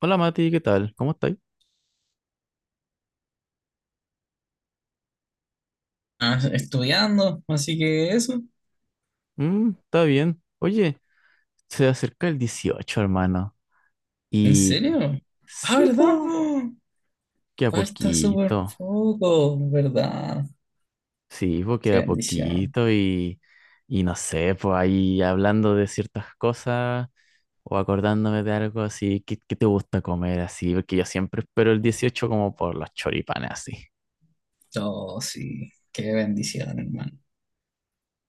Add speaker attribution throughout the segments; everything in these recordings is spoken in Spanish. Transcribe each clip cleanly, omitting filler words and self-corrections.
Speaker 1: Hola Mati, ¿qué tal? ¿Cómo estáis?
Speaker 2: Ah, estudiando, así que eso.
Speaker 1: Mm, está bien. Oye, se acerca el 18, hermano.
Speaker 2: ¿En
Speaker 1: Y
Speaker 2: serio? Ah,
Speaker 1: sí,
Speaker 2: ¿verdad,
Speaker 1: po,
Speaker 2: po?
Speaker 1: queda
Speaker 2: Falta súper
Speaker 1: poquito.
Speaker 2: poco, ¿verdad?
Speaker 1: Sí, po,
Speaker 2: Qué
Speaker 1: queda
Speaker 2: bendición.
Speaker 1: poquito y no sé, pues ahí hablando de ciertas cosas o acordándome de algo así. ¿Qué te gusta comer así? Porque yo siempre espero el 18 como por los choripanes así.
Speaker 2: Oh, sí, qué bendición, hermano.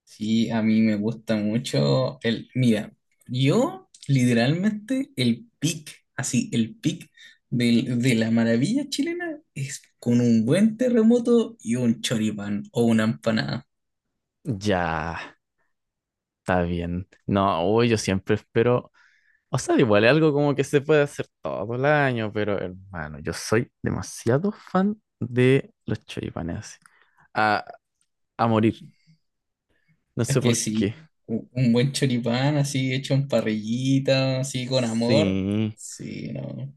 Speaker 2: Sí, a mí me gusta mucho el... Mira, yo literalmente el pic, así, el pic de la maravilla chilena es con un buen terremoto y un choripán o una empanada.
Speaker 1: Ya, está bien. No, uy, yo siempre espero. O sea, igual es algo como que se puede hacer todo el año, pero hermano, yo soy demasiado fan de los choripanes así. A, a morir. No
Speaker 2: Es
Speaker 1: sé
Speaker 2: que
Speaker 1: por qué.
Speaker 2: sí, un buen choripán así hecho en parrillita, así con amor.
Speaker 1: Sí.
Speaker 2: Sí, no.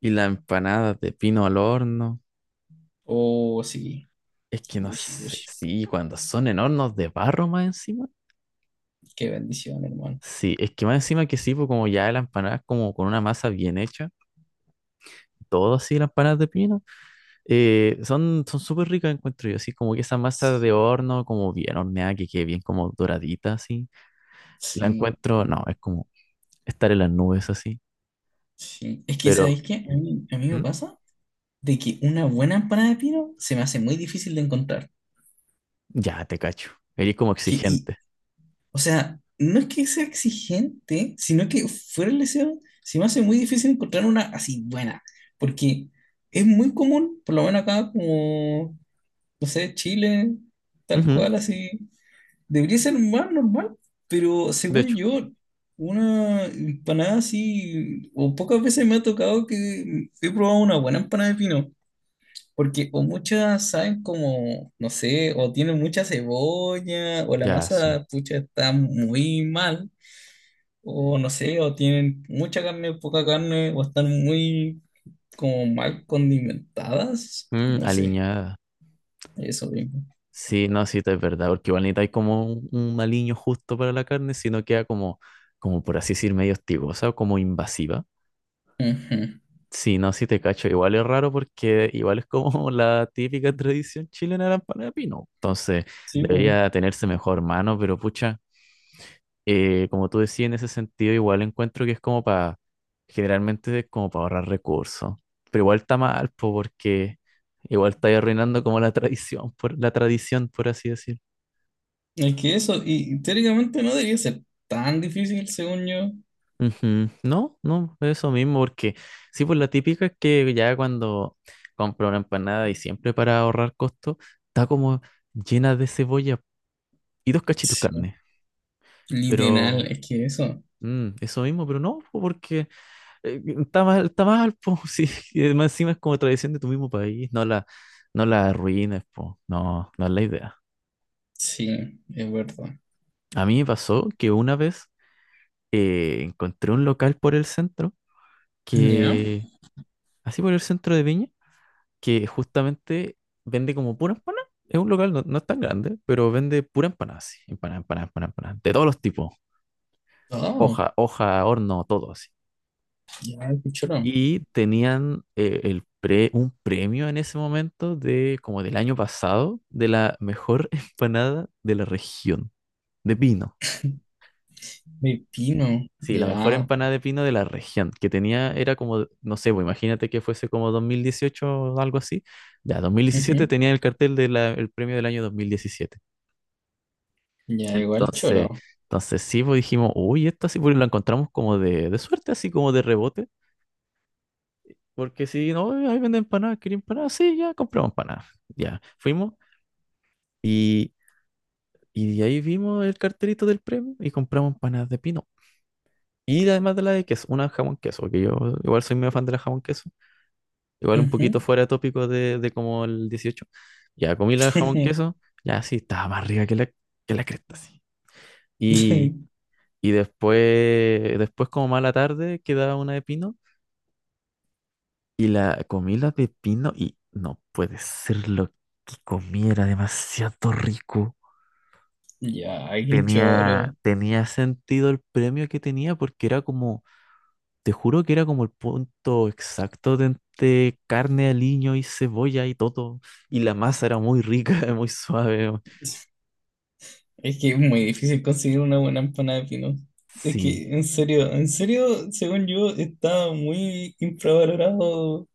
Speaker 1: Y las empanadas de pino al horno.
Speaker 2: Oh, sí.
Speaker 1: Es que no
Speaker 2: Gucci,
Speaker 1: sé.
Speaker 2: gucci.
Speaker 1: Sí, cuando son en hornos de barro más encima.
Speaker 2: Qué bendición, hermano.
Speaker 1: Sí, es que más encima que sí, pues como ya la empanada es como con una masa bien hecha. Todo así, las empanadas de pino. Son súper ricas, encuentro yo. Así como que esa masa de
Speaker 2: Sí,
Speaker 1: horno, como bien horneada, que quede bien como doradita, así. La
Speaker 2: sí,
Speaker 1: encuentro, no, es como estar en las nubes así,
Speaker 2: sí. Es que,
Speaker 1: pero...
Speaker 2: ¿sabéis qué? A mí me
Speaker 1: ¿Mm?
Speaker 2: pasa de que una buena empanada de pino se me hace muy difícil de encontrar.
Speaker 1: Ya te cacho. Eres como
Speaker 2: Que, y,
Speaker 1: exigente.
Speaker 2: o sea, no es que sea exigente, sino que fuera el deseo, se me hace muy difícil encontrar una así buena. Porque es muy común, por lo menos acá, como no sé, Chile, tal
Speaker 1: Ujú.
Speaker 2: cual, así. Debería ser más normal, pero
Speaker 1: De
Speaker 2: según
Speaker 1: hecho,
Speaker 2: yo, una empanada así, o pocas veces me ha tocado que he probado una buena empanada de pino, porque o muchas saben como, no sé, o tienen mucha cebolla, o la
Speaker 1: ya sí.
Speaker 2: masa, pucha, está muy mal, o no sé, o tienen mucha carne, poca carne, o están muy como mal condimentadas,
Speaker 1: Mm,
Speaker 2: no sé,
Speaker 1: alineada.
Speaker 2: eso mismo.
Speaker 1: Sí, no, sí, es verdad, porque igual necesitáis como un aliño justo para la carne, si no queda como, como por así decir, medio hostigosa o como invasiva.
Speaker 2: Ujú.
Speaker 1: Sí, no, sí te cacho, igual es raro porque igual es como la típica tradición chilena de la empanada de pino. Entonces,
Speaker 2: Sí, pues.
Speaker 1: debería tenerse mejor mano, pero pucha, como tú decías, en ese sentido igual encuentro que es como para, generalmente es como para ahorrar recursos, pero igual está mal, po, porque igual está arruinando como la tradición, por así decir.
Speaker 2: Es que eso, y teóricamente no debería ser tan difícil, según yo.
Speaker 1: Ujú. No, no, eso mismo, porque sí, pues la típica es que ya cuando compro una empanada y siempre para ahorrar costos, está como llena de cebolla y dos cachitos de
Speaker 2: Sí,
Speaker 1: carne.
Speaker 2: literal,
Speaker 1: Pero
Speaker 2: es que eso.
Speaker 1: eso mismo, pero no, po, porque está mal, po, sí, y además encima es como tradición de tu mismo país, no la arruines, po, no, no es la idea.
Speaker 2: Sí, es verdad.
Speaker 1: A mí me pasó que una vez encontré un local por el centro
Speaker 2: Ya.
Speaker 1: que, así por el centro de Viña que justamente vende como pura empanada. Es un local, no, no es tan grande, pero vende pura empanada, así. Empanada, empanada, empanada, empanada. De todos los tipos.
Speaker 2: Oh,
Speaker 1: Hoja, hoja, horno, todo así.
Speaker 2: ya, qué choro.
Speaker 1: Y tenían un premio en ese momento de como del año pasado de la mejor empanada de la región, de pino.
Speaker 2: Pepino,
Speaker 1: Sí, la mejor
Speaker 2: ya.
Speaker 1: empanada de pino de la región, que tenía, era como, no sé, pues imagínate que fuese como 2018 o algo así. Ya, 2017
Speaker 2: Ujú.
Speaker 1: tenía el cartel del premio del año 2017.
Speaker 2: Ya, igual
Speaker 1: Entonces,
Speaker 2: choro.
Speaker 1: entonces sí, pues dijimos, uy, esta sí, pues la encontramos como de suerte, así como de rebote, porque si no, "Ay, ahí venden empanadas, quería empanadas, sí, ya compramos empanadas, ya, fuimos y, y de ahí vimos el cartelito del premio y compramos empanadas de pino. Y además de la de queso, una jamón queso, que yo igual soy medio fan de la jamón queso, igual un poquito
Speaker 2: Ujú.
Speaker 1: fuera de tópico de como el 18. Ya comí la jamón queso, ya sí, estaba más rica que la, cresta, sí. Y después, después como más a la tarde, quedaba una de pino. Y la comí la de pino y no puede ser lo que comí, era demasiado rico.
Speaker 2: Ya, qué
Speaker 1: Tenía,
Speaker 2: choro.
Speaker 1: tenía sentido el premio que tenía porque era como, te juro que era como el punto exacto de entre carne, aliño y cebolla y todo. Y la masa era muy rica, muy suave.
Speaker 2: Es que es muy difícil conseguir una buena empanada de pino. Es
Speaker 1: Sí,
Speaker 2: que, en serio, según yo, está muy infravalorado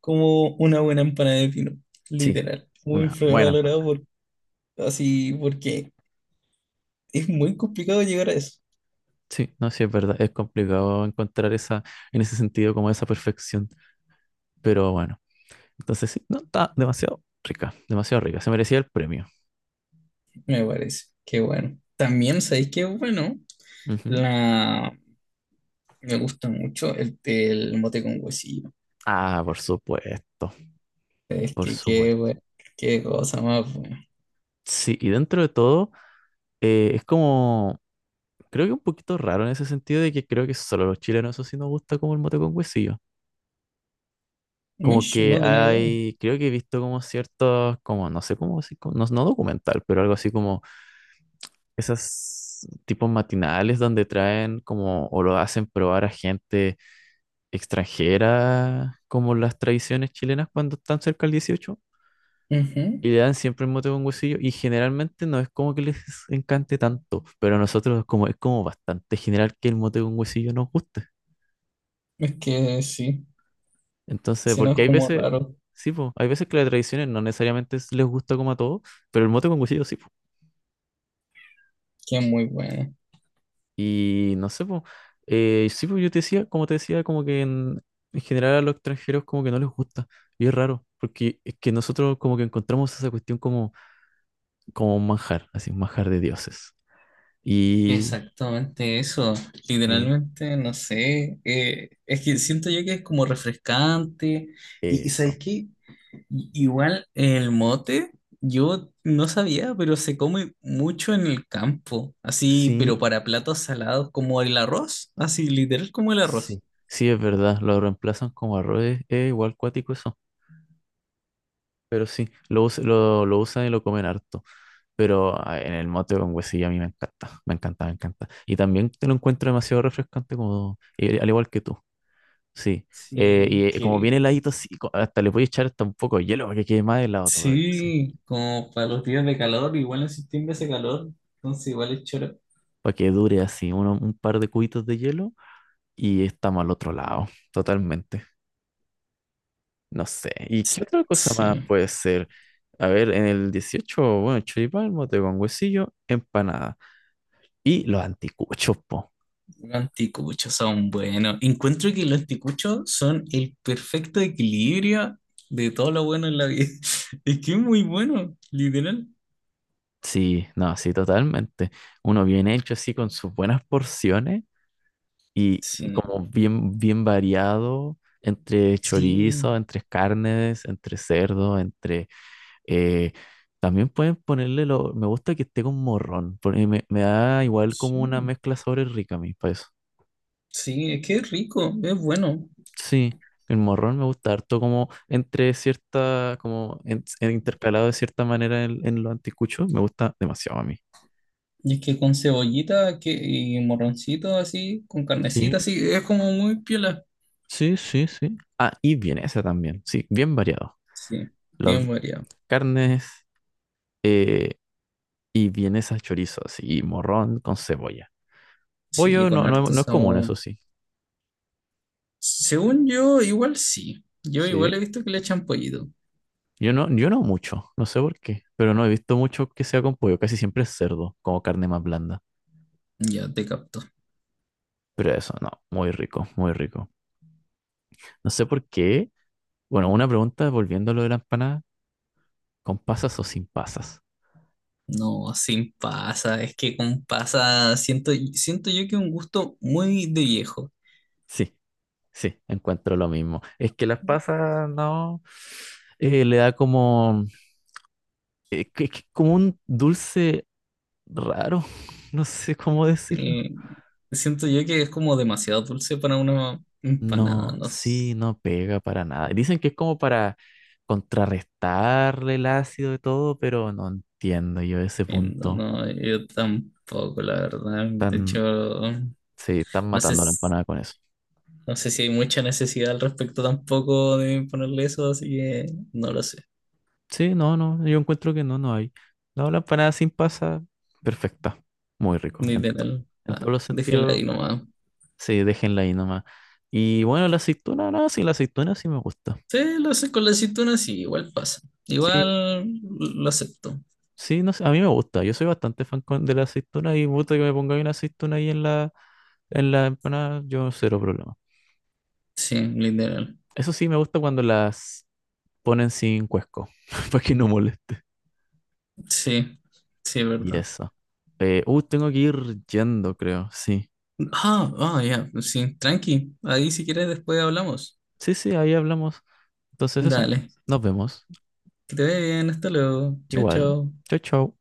Speaker 2: como una buena empanada de pino,
Speaker 1: sí,
Speaker 2: literal. Muy
Speaker 1: una buena
Speaker 2: valorado
Speaker 1: empanada.
Speaker 2: por, así porque es muy complicado llegar a eso,
Speaker 1: Sí, no, sí, es verdad, es complicado encontrar esa, en ese sentido, como esa perfección. Pero bueno, entonces sí, no, está demasiado rica, demasiado rica. Se merecía el premio.
Speaker 2: me parece. Qué bueno. También sabéis que bueno,
Speaker 1: Ujú.
Speaker 2: la me gusta mucho el mote con huesillo.
Speaker 1: Ah, por supuesto,
Speaker 2: Es
Speaker 1: por
Speaker 2: que qué
Speaker 1: supuesto.
Speaker 2: bueno, qué cosa más buena.
Speaker 1: Sí, y dentro de todo, es como, creo que un poquito raro en ese sentido de que creo que solo los chilenos eso sí nos gusta como el mote con huesillo. Como
Speaker 2: Mish,
Speaker 1: que
Speaker 2: no tenía idea. Ujú.
Speaker 1: hay, creo que he visto como ciertos, como, no sé cómo, así como... no, no documental, pero algo así como esas tipos matinales donde traen como, o lo hacen probar a gente extranjera como las tradiciones chilenas cuando están cerca del 18 y le dan siempre el mote con huesillo y generalmente no es como que les encante tanto, pero a nosotros es como bastante general que el mote con huesillo nos guste.
Speaker 2: Es que sí,
Speaker 1: Entonces,
Speaker 2: si no es
Speaker 1: porque hay
Speaker 2: como
Speaker 1: veces,
Speaker 2: raro,
Speaker 1: sí, po, hay veces que las tradiciones no necesariamente es... les gusta como a todos, pero el mote con huesillo sí, po.
Speaker 2: que es muy bueno.
Speaker 1: Y no sé, po, sí, po, yo te decía, como que en, general a los extranjeros como que no les gusta. Y es raro, porque es que nosotros como que encontramos esa cuestión como como un manjar, así un manjar de dioses.
Speaker 2: Es que
Speaker 1: Y
Speaker 2: exactamente eso,
Speaker 1: eh,
Speaker 2: literalmente, no sé, es que siento yo que es como refrescante y ¿sabes
Speaker 1: eso.
Speaker 2: qué? Igual el mote, yo no sabía, pero se come mucho en el campo, así, pero
Speaker 1: Sí,
Speaker 2: para platos salados como el arroz, así, literal como el
Speaker 1: sí.
Speaker 2: arroz.
Speaker 1: Sí, es verdad. Lo reemplazan como arroz. Es igual cuático eso. Pero sí, lo, lo usan y lo comen harto. Pero ah, en el mote con huesillo a mí me encanta. Me encanta, me encanta. Y también te lo encuentro demasiado refrescante, como, al igual que tú. Sí.
Speaker 2: Sí,
Speaker 1: Y como viene
Speaker 2: que...
Speaker 1: heladito, así, hasta le voy a echar hasta un poco de hielo para que quede más helado todavía, sí.
Speaker 2: Sí, como para los días de calor, igual en septiembre hace calor, entonces igual es choro.
Speaker 1: Para que dure así, un par de cubitos de hielo y estamos al otro lado, totalmente. No sé. ¿Y qué otra cosa más
Speaker 2: Sí.
Speaker 1: puede ser? A ver, en el 18 bueno, choripán, mote con huesillo, empanada. Y los anticuchos, po.
Speaker 2: Los anticuchos son buenos. Encuentro que los anticuchos son el perfecto equilibrio de todo lo bueno en la vida. Es que es muy bueno, literal.
Speaker 1: Sí, no, sí, totalmente. Uno bien hecho así con sus buenas porciones y
Speaker 2: Sí,
Speaker 1: como bien, bien variado entre
Speaker 2: sí,
Speaker 1: chorizo, entre carnes, entre cerdo, entre... Eh, también pueden ponerle lo. Me gusta que esté con morrón. Porque me da igual como una
Speaker 2: sí,
Speaker 1: mezcla sobre rica a mí, para eso.
Speaker 2: sí, es que es rico, es bueno.
Speaker 1: Sí, el morrón me gusta harto como entre cierta, como en intercalado de cierta manera en lo anticucho. Me gusta demasiado a mí.
Speaker 2: Y es que con cebollita que, y morroncito así, con
Speaker 1: Sí,
Speaker 2: carnecita así, es como muy piola.
Speaker 1: sí, sí, sí. Ah, y vienesa también. Sí, bien variado.
Speaker 2: Sí,
Speaker 1: Las
Speaker 2: bien variado.
Speaker 1: carnes eh, y vienesa chorizo, así, y morrón con cebolla.
Speaker 2: Sí,
Speaker 1: Pollo
Speaker 2: con
Speaker 1: no, no,
Speaker 2: harto
Speaker 1: no es común,
Speaker 2: sabor.
Speaker 1: eso sí.
Speaker 2: Según yo, igual sí. Yo
Speaker 1: Sí.
Speaker 2: igual he visto que le echan pollito.
Speaker 1: Yo no, yo no mucho, no sé por qué, pero no he visto mucho que sea con pollo, casi siempre es cerdo, como carne más blanda.
Speaker 2: Ya te capto.
Speaker 1: Pero eso, no, muy rico, muy rico. No sé por qué. Bueno, una pregunta volviendo a lo de la empanada, ¿con pasas o sin pasas?
Speaker 2: No, sin pasa, es que con pasa siento, siento yo que es un gusto muy de viejo.
Speaker 1: Sí, sí, encuentro lo mismo. Es que las pasas, no, le da como, que como un dulce raro, no sé cómo decirlo.
Speaker 2: Eh, siento yo que es como demasiado dulce para una empanada,
Speaker 1: No,
Speaker 2: no
Speaker 1: sí,
Speaker 2: siento,
Speaker 1: no pega para nada. Dicen que es como para contrarrestarle el ácido y todo, pero no entiendo yo ese punto.
Speaker 2: no, yo tampoco, la verdad. De
Speaker 1: Tan,
Speaker 2: hecho,
Speaker 1: sí, están
Speaker 2: no sé,
Speaker 1: matando la empanada con eso.
Speaker 2: no sé si hay mucha necesidad al respecto tampoco de ponerle eso, así que no lo sé,
Speaker 1: Sí, no, no, yo encuentro que no, no hay. No, la empanada sin pasa, perfecta. Muy rico, en, to-
Speaker 2: literal.
Speaker 1: en todos
Speaker 2: Ah,
Speaker 1: los
Speaker 2: déjenla
Speaker 1: sentidos.
Speaker 2: ahí nomás.
Speaker 1: Sí, déjenla ahí nomás. Y bueno, la aceituna, no, sí, la aceituna sí me gusta.
Speaker 2: Sí, lo hace con la aceituna, sí, igual pasa.
Speaker 1: Sí,
Speaker 2: Igual lo acepto.
Speaker 1: Sí, no sé, a mí me gusta. Yo soy bastante fan de la aceituna y gusta que me ponga una aceituna ahí en la empanada, yo cero problema.
Speaker 2: Sí, literal.
Speaker 1: Eso sí, me gusta cuando las ponen sin cuesco, para que no moleste.
Speaker 2: Sí, sí, es
Speaker 1: Y
Speaker 2: verdad.
Speaker 1: eso. Tengo que ir yendo, creo. Sí.
Speaker 2: Ah, ah, ya, pues sí, tranqui. Ahí si quieres después hablamos.
Speaker 1: Sí, sí, ahí hablamos. Entonces eso.
Speaker 2: Dale,
Speaker 1: Nos vemos.
Speaker 2: que te vaya bien, hasta luego. Chao,
Speaker 1: Igual.
Speaker 2: chao.
Speaker 1: Chau, chau.